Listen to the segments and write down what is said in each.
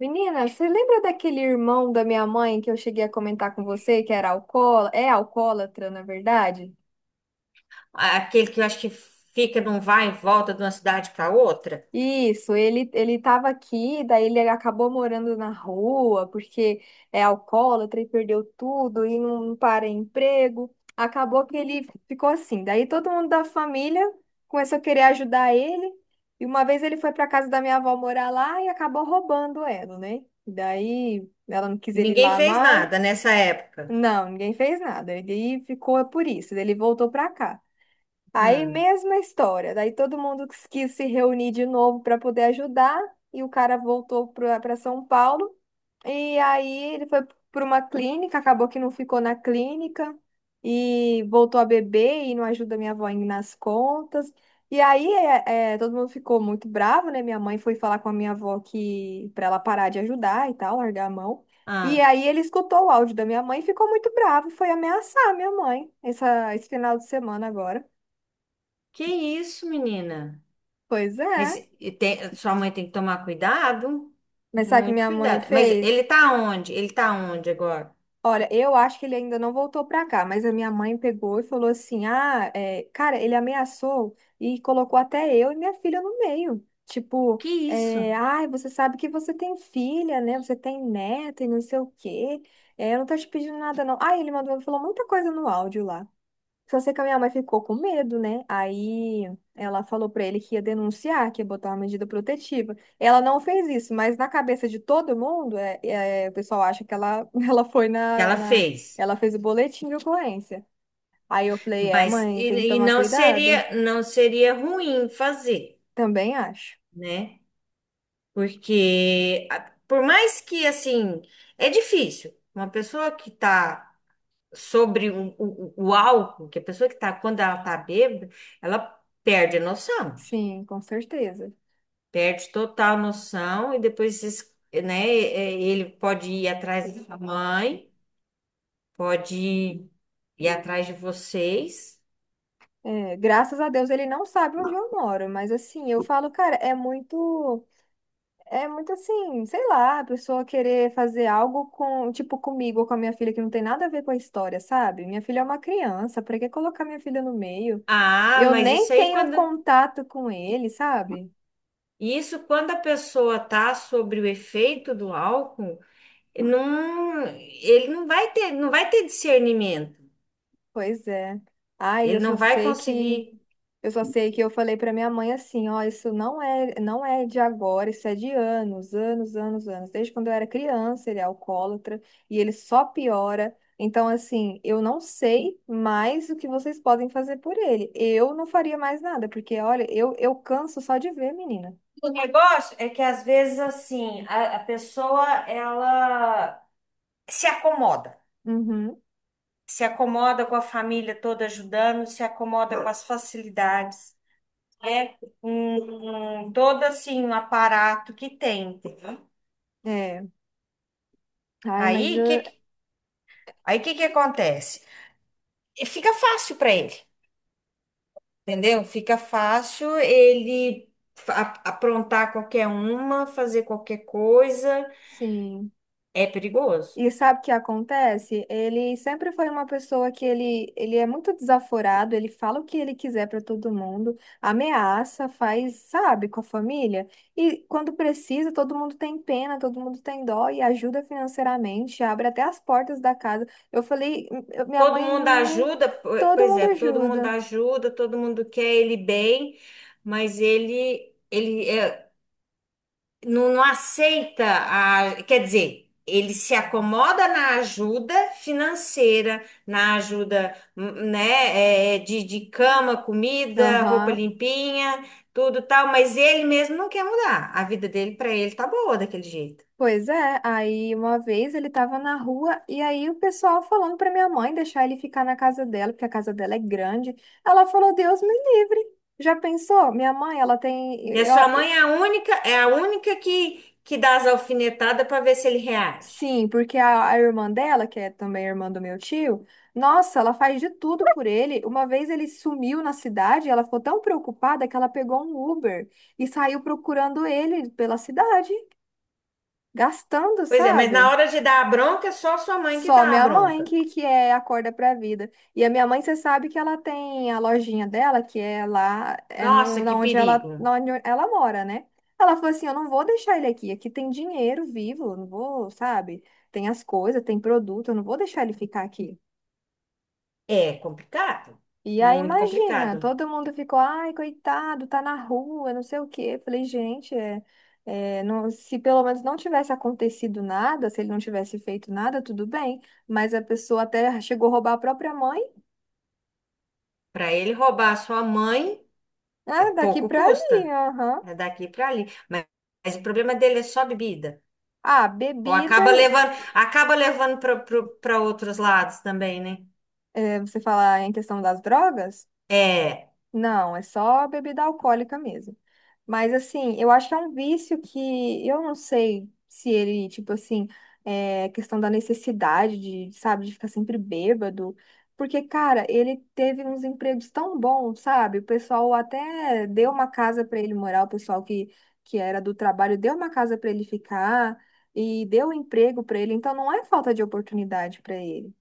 Menina, você lembra daquele irmão da minha mãe que eu cheguei a comentar com você, que era alcoólatra, é alcoólatra, na verdade? Aquele que eu acho que fica num vai e volta de uma cidade para outra. Isso, ele estava aqui, daí ele acabou morando na rua porque é alcoólatra e perdeu tudo e não, não para em emprego. Acabou que ele ficou assim. Daí todo mundo da família começou a querer ajudar ele. E uma vez ele foi para casa da minha avó morar lá e acabou roubando ela, né? Daí ela não quis E ele ninguém lá fez mais. nada nessa época. Não, ninguém fez nada. Ele ficou por isso, ele voltou pra cá. Aí, Hum. mesma história. Daí todo mundo quis se reunir de novo para poder ajudar e o cara voltou para São Paulo. E aí ele foi para uma clínica, acabou que não ficou na clínica e voltou a beber e não ajuda minha avó em- nas contas. E aí todo mundo ficou muito bravo, né? Minha mãe foi falar com a minha avó que para ela parar de ajudar e tal, largar a mão. E Ah, aí ele escutou o áudio da minha mãe e ficou muito bravo e foi ameaçar a minha mãe essa, esse final de semana agora. que isso, menina? Pois Mas é. Sua mãe tem que tomar cuidado, Mas sabe o que muito minha mãe cuidado. Mas fez? ele tá onde? Ele tá onde agora? Olha, eu acho que ele ainda não voltou pra cá, mas a minha mãe pegou e falou assim: ah, é, cara, ele ameaçou e colocou até eu e minha filha no meio. Tipo, Que isso, é, ai, você sabe que você tem filha, né? Você tem neta e não sei o quê. É, eu não tô te pedindo nada, não. Ah, ele mandou, falou muita coisa no áudio lá. Só sei que a minha mãe ficou com medo, né? Aí ela falou pra ele que ia denunciar, que ia botar uma medida protetiva. Ela não fez isso, mas na cabeça de todo mundo, o pessoal acha que ela, ela foi que na, ela na. fez? Ela fez o boletim de ocorrência. Aí eu falei, é, Mas mãe, tem que e, e tomar não cuidado. seria não seria ruim fazer, Também acho. né? Por mais que assim, é difícil. Uma pessoa que tá sobre o álcool, que a pessoa que tá, quando ela tá bêbada, ela perde a noção, Sim, com certeza. perde total noção, e depois, né, é, ele pode ir atrás da sua mãe, pode ir atrás de vocês. É, graças a Deus ele não sabe onde eu moro, mas assim, eu falo, cara, é muito. É muito assim, sei lá, a pessoa querer fazer algo com, tipo, comigo ou com a minha filha que não tem nada a ver com a história, sabe? Minha filha é uma criança, pra que colocar minha filha no meio? Ah, Eu mas isso nem aí tenho quando contato com ele, sabe? isso quando a pessoa tá sobre o efeito do álcool, não, ele não vai ter discernimento. Pois é. Ai, eu Ele só não vai sei que conseguir. Eu só sei que eu falei pra minha mãe assim, ó, não é de agora, isso é de anos, anos, anos, anos. Desde quando eu era criança, ele é alcoólatra e ele só piora. Então, assim, eu não sei mais o que vocês podem fazer por ele. Eu não faria mais nada, porque, olha, eu canso só de ver, menina. O negócio é que às vezes assim, a pessoa ela se acomoda, Uhum, se acomoda com a família toda ajudando, se acomoda com as facilidades, né? Com todo assim um aparato que tem. é. Ai, Aí mas que eu, que- Aí que acontece? E fica fácil para ele, entendeu? Fica fácil ele aprontar qualquer uma, fazer qualquer coisa, sim. é perigoso. E sabe o que acontece? Ele sempre foi uma pessoa que ele é muito desaforado, ele fala o que ele quiser para todo mundo, ameaça, faz, sabe, com a família. E quando precisa, todo mundo tem pena, todo mundo tem dó e ajuda financeiramente, abre até as portas da casa. Eu falei, eu- minha Todo mãe, mundo nem- ajuda, todo pois mundo é, todo mundo ajuda. ajuda, todo mundo quer ele bem, mas ele é, não, não aceita a, quer dizer, ele se acomoda na ajuda financeira, na ajuda, né, é, de cama, comida, roupa Aham. limpinha, tudo tal, mas ele mesmo não quer mudar. A vida dele para ele tá boa daquele jeito. Pois é, aí uma vez ele tava na rua e aí o pessoal falando pra minha mãe deixar ele ficar na casa dela, porque a casa dela é grande. Ela falou: Deus me livre. Já pensou? Minha mãe, ela tem. E a Eu- sua mãe é a única que dá as alfinetadas para ver se ele reage. sim, porque a irmã dela, que é também irmã do meu tio, nossa, ela faz de tudo por ele. Uma vez ele sumiu na cidade, ela ficou tão preocupada que ela pegou um Uber e saiu procurando ele pela cidade, gastando, Pois é, mas na sabe? hora de dar a bronca, é só a sua mãe que Só dá a minha mãe bronca. que é acorda pra vida. E a minha mãe, você sabe que ela tem a lojinha dela, que é lá, é no, Nossa, que perigo. na onde ela mora, né? Ela falou assim: eu não vou deixar ele aqui, aqui tem dinheiro vivo, eu não vou, sabe? Tem as coisas, tem produto, eu não vou deixar ele ficar aqui. É complicado, E aí, muito imagina, complicado. todo mundo ficou, ai, coitado, tá na rua, não sei o quê. Falei, gente, se pelo menos não tivesse acontecido nada, se ele não tivesse feito nada, tudo bem. Mas a pessoa até chegou a roubar a própria mãe, Para ele roubar a sua mãe, é né? Daqui pouco pra ali, custa. aham. É daqui para ali. Mas o problema dele é só bebida. Ah, Ou bebida, e- acaba levando para outros lados também, né? é, você falar em questão das drogas? É, Não, é só bebida alcoólica mesmo. Mas assim, eu acho que é um vício que eu não sei se ele, tipo assim, é questão da necessidade de, sabe, de ficar sempre bêbado. Porque, cara, ele teve uns empregos tão bons, sabe? O pessoal até deu uma casa pra ele morar, o pessoal que era do trabalho deu uma casa pra ele ficar e deu um emprego pra ele. Então, não é falta de oportunidade pra ele.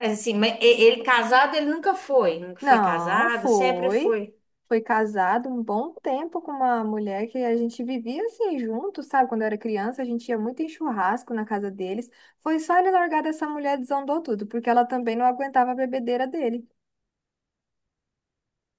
mas assim, ele casado, ele nunca foi, nunca foi Não, casado, sempre foi. foi. Foi casado um bom tempo com uma mulher que a gente vivia assim junto, sabe? Quando eu era criança, a gente ia muito em churrasco na casa deles. Foi só ele largar dessa mulher, desandou tudo, porque ela também não aguentava a bebedeira dele.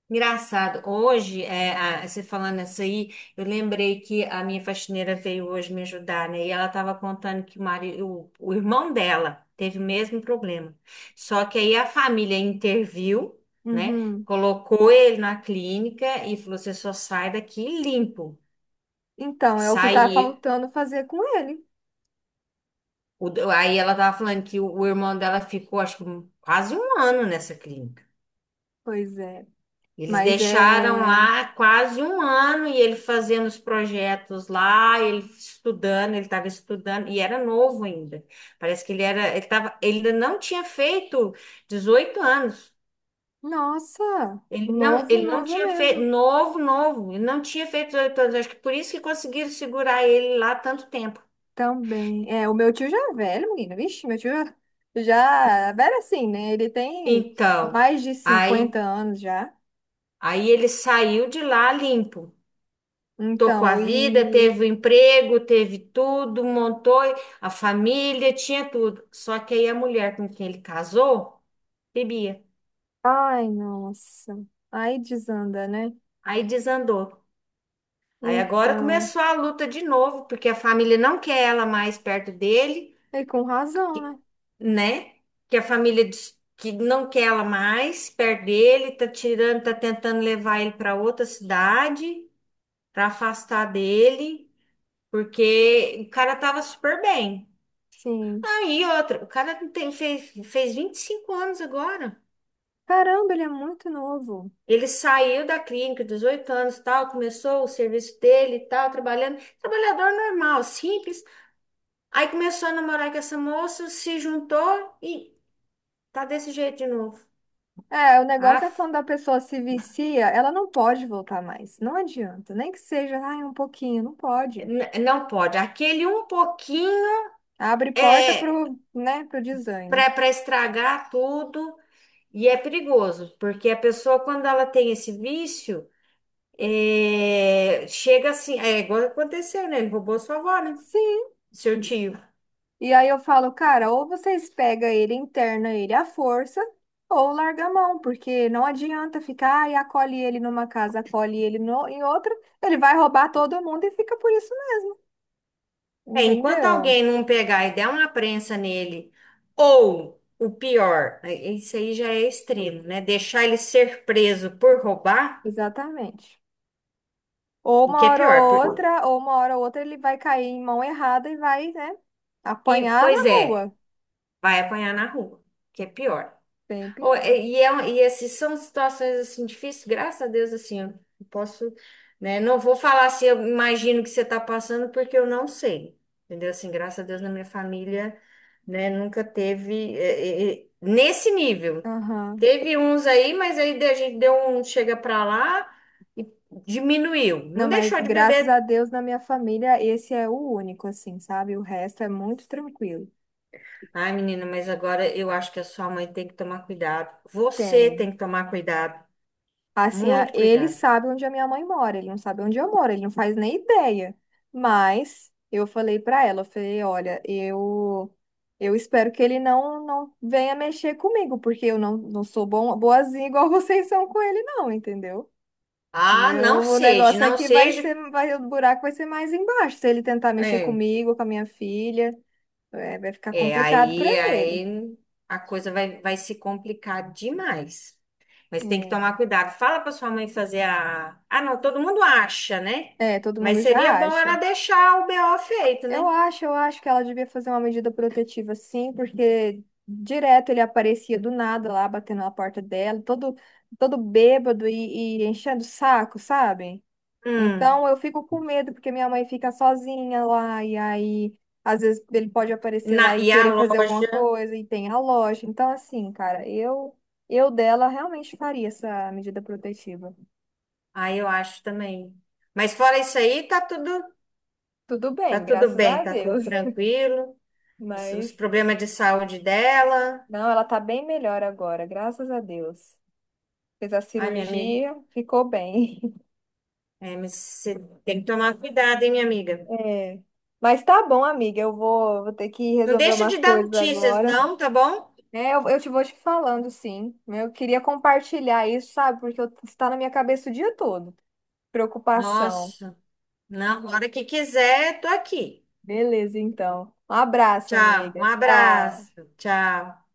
Engraçado, hoje, é, você falando isso aí, eu lembrei que a minha faxineira veio hoje me ajudar, né? E ela estava contando que o irmão dela teve o mesmo problema. Só que aí a família interviu, né? Uhum. Colocou ele na clínica e falou: você só sai daqui limpo. Então, é o que tá Saiu. faltando fazer com ele. Aí ela estava falando que o irmão dela ficou, acho que quase um ano nessa clínica. Pois é. Eles Mas deixaram é. lá quase um ano e ele fazendo os projetos lá, ele estudando, ele estava estudando e era novo ainda. Parece que ele era, ele tava, ele ainda não tinha feito 18 anos. Nossa, Ele não, novo, ele não novo tinha feito mesmo. novo, novo, ele não tinha feito 18 anos. Acho que por isso que conseguiram segurar ele lá tanto tempo. Também. É, o meu tio já é velho, menina. Vixe, meu tio já é velho assim, né? Ele tem Então, mais de 50 aí, anos já. aí ele saiu de lá limpo. Tocou a Então, vida, e. teve o emprego, teve tudo, montou a família, tinha tudo. Só que aí a mulher com quem ele casou bebia. Ai, nossa. Aí desanda, né? Aí desandou. Aí agora Então. começou a luta de novo, porque a família não quer ela mais perto dele, E com razão, né? né? Que a família diz que não quer ela mais perto dele, tá tirando, tá tentando levar ele para outra cidade, para afastar dele, porque o cara tava super bem. Sim. E outra, o cara tem, fez, fez 25 anos agora. Caramba, ele é muito novo. Ele saiu da clínica, 18 anos, tal, começou o serviço dele, e tal, trabalhando, trabalhador normal, simples. Aí começou a namorar com essa moça, se juntou e tá desse jeito de novo. É, o negócio é Ah, quando a pessoa se vicia, ela não pode voltar mais. Não adianta. Nem que seja, ai, um pouquinho. Não pode. não pode. Aquele um pouquinho Abre porta é pro, né, pro para desande. para estragar tudo e é perigoso, porque a pessoa, quando ela tem esse vício, é, chega assim, é igual aconteceu, né? Ele roubou sua avó, né? Sim. Seu tio. E aí eu falo, cara, ou vocês pegam ele, interna ele à força, ou larga a mão, porque não adianta ficar ah, e acolhe ele numa casa, acolhe ele no, em outra, ele vai roubar todo mundo e fica por isso mesmo, É, enquanto entendeu? alguém não pegar e der uma prensa nele, ou o pior, é, isso aí já é extremo, né? Deixar ele ser preso por roubar, Exatamente. O que é pior. Ou uma hora ou outra ele vai cair em mão errada e vai, né, E, apanhar na pois é, rua. vai apanhar na rua, o que é pior. Bem pior. E esses são situações assim difíceis, graças a Deus, assim, eu posso, né? Não vou falar se eu imagino que você está passando, porque eu não sei, entendeu? Assim, graças a Deus, na minha família, né, nunca teve nesse nível. Aham. Teve uns aí, mas aí a gente deu um chega pra lá e diminuiu. Não, Não mas deixou de graças a beber. Deus na minha família esse é o único, assim, sabe? O resto é muito tranquilo. Ai, menina, mas agora eu acho que a sua mãe tem que tomar cuidado. Você Tem. tem que tomar cuidado, Assim, a- muito ele cuidado. sabe onde a minha mãe mora, ele não sabe onde eu moro, ele não faz nem ideia. Mas eu falei pra ela, eu falei, olha, eu espero que ele não venha mexer comigo, porque eu não, não sou bom, boazinha igual vocês são com ele não, entendeu? O Ah, não meu seja, negócio é não que vai seja. ser, vai, o buraco vai ser mais embaixo, se ele tentar mexer É, comigo, com a minha filha, é, vai ficar complicado pra aí, ele. aí a coisa vai, vai se complicar demais. Mas tem que tomar cuidado. Fala para sua mãe fazer a. Ah, não, todo mundo acha, né? Todo Mas mundo seria já bom ela acha. deixar o BO feito, né? Eu acho que ela devia fazer uma medida protetiva, sim, porque direto ele aparecia do nada lá, batendo na porta dela, todo bêbado e enchendo o saco, sabe? Hum. Então eu fico com medo, porque minha mãe fica sozinha lá, e aí às vezes ele pode aparecer Na, lá e e a querer fazer alguma loja, coisa, e tem a loja. Então, assim, cara, eu dela realmente faria essa medida protetiva. aí eu acho também. Mas fora isso aí, Tudo tá bem, tudo graças a bem, tá tudo Deus, tranquilo. Os mas. problemas de saúde dela. Não, ela tá bem melhor agora, graças a Deus. Fez a Ai, minha amiga. cirurgia, ficou bem. É, mas você tem que tomar cuidado, hein, minha amiga? É. Mas tá bom, amiga, eu vou, vou ter que Não resolver deixa umas de dar coisas notícias, agora. não, tá bom? Eu te vou te falando, sim. Eu queria compartilhar isso, sabe? Porque eu- está na minha cabeça o dia todo. Preocupação. Nossa, na hora que quiser, tô aqui. Beleza, então. Um abraço, Tchau, um amiga. Tchau. abraço, tchau.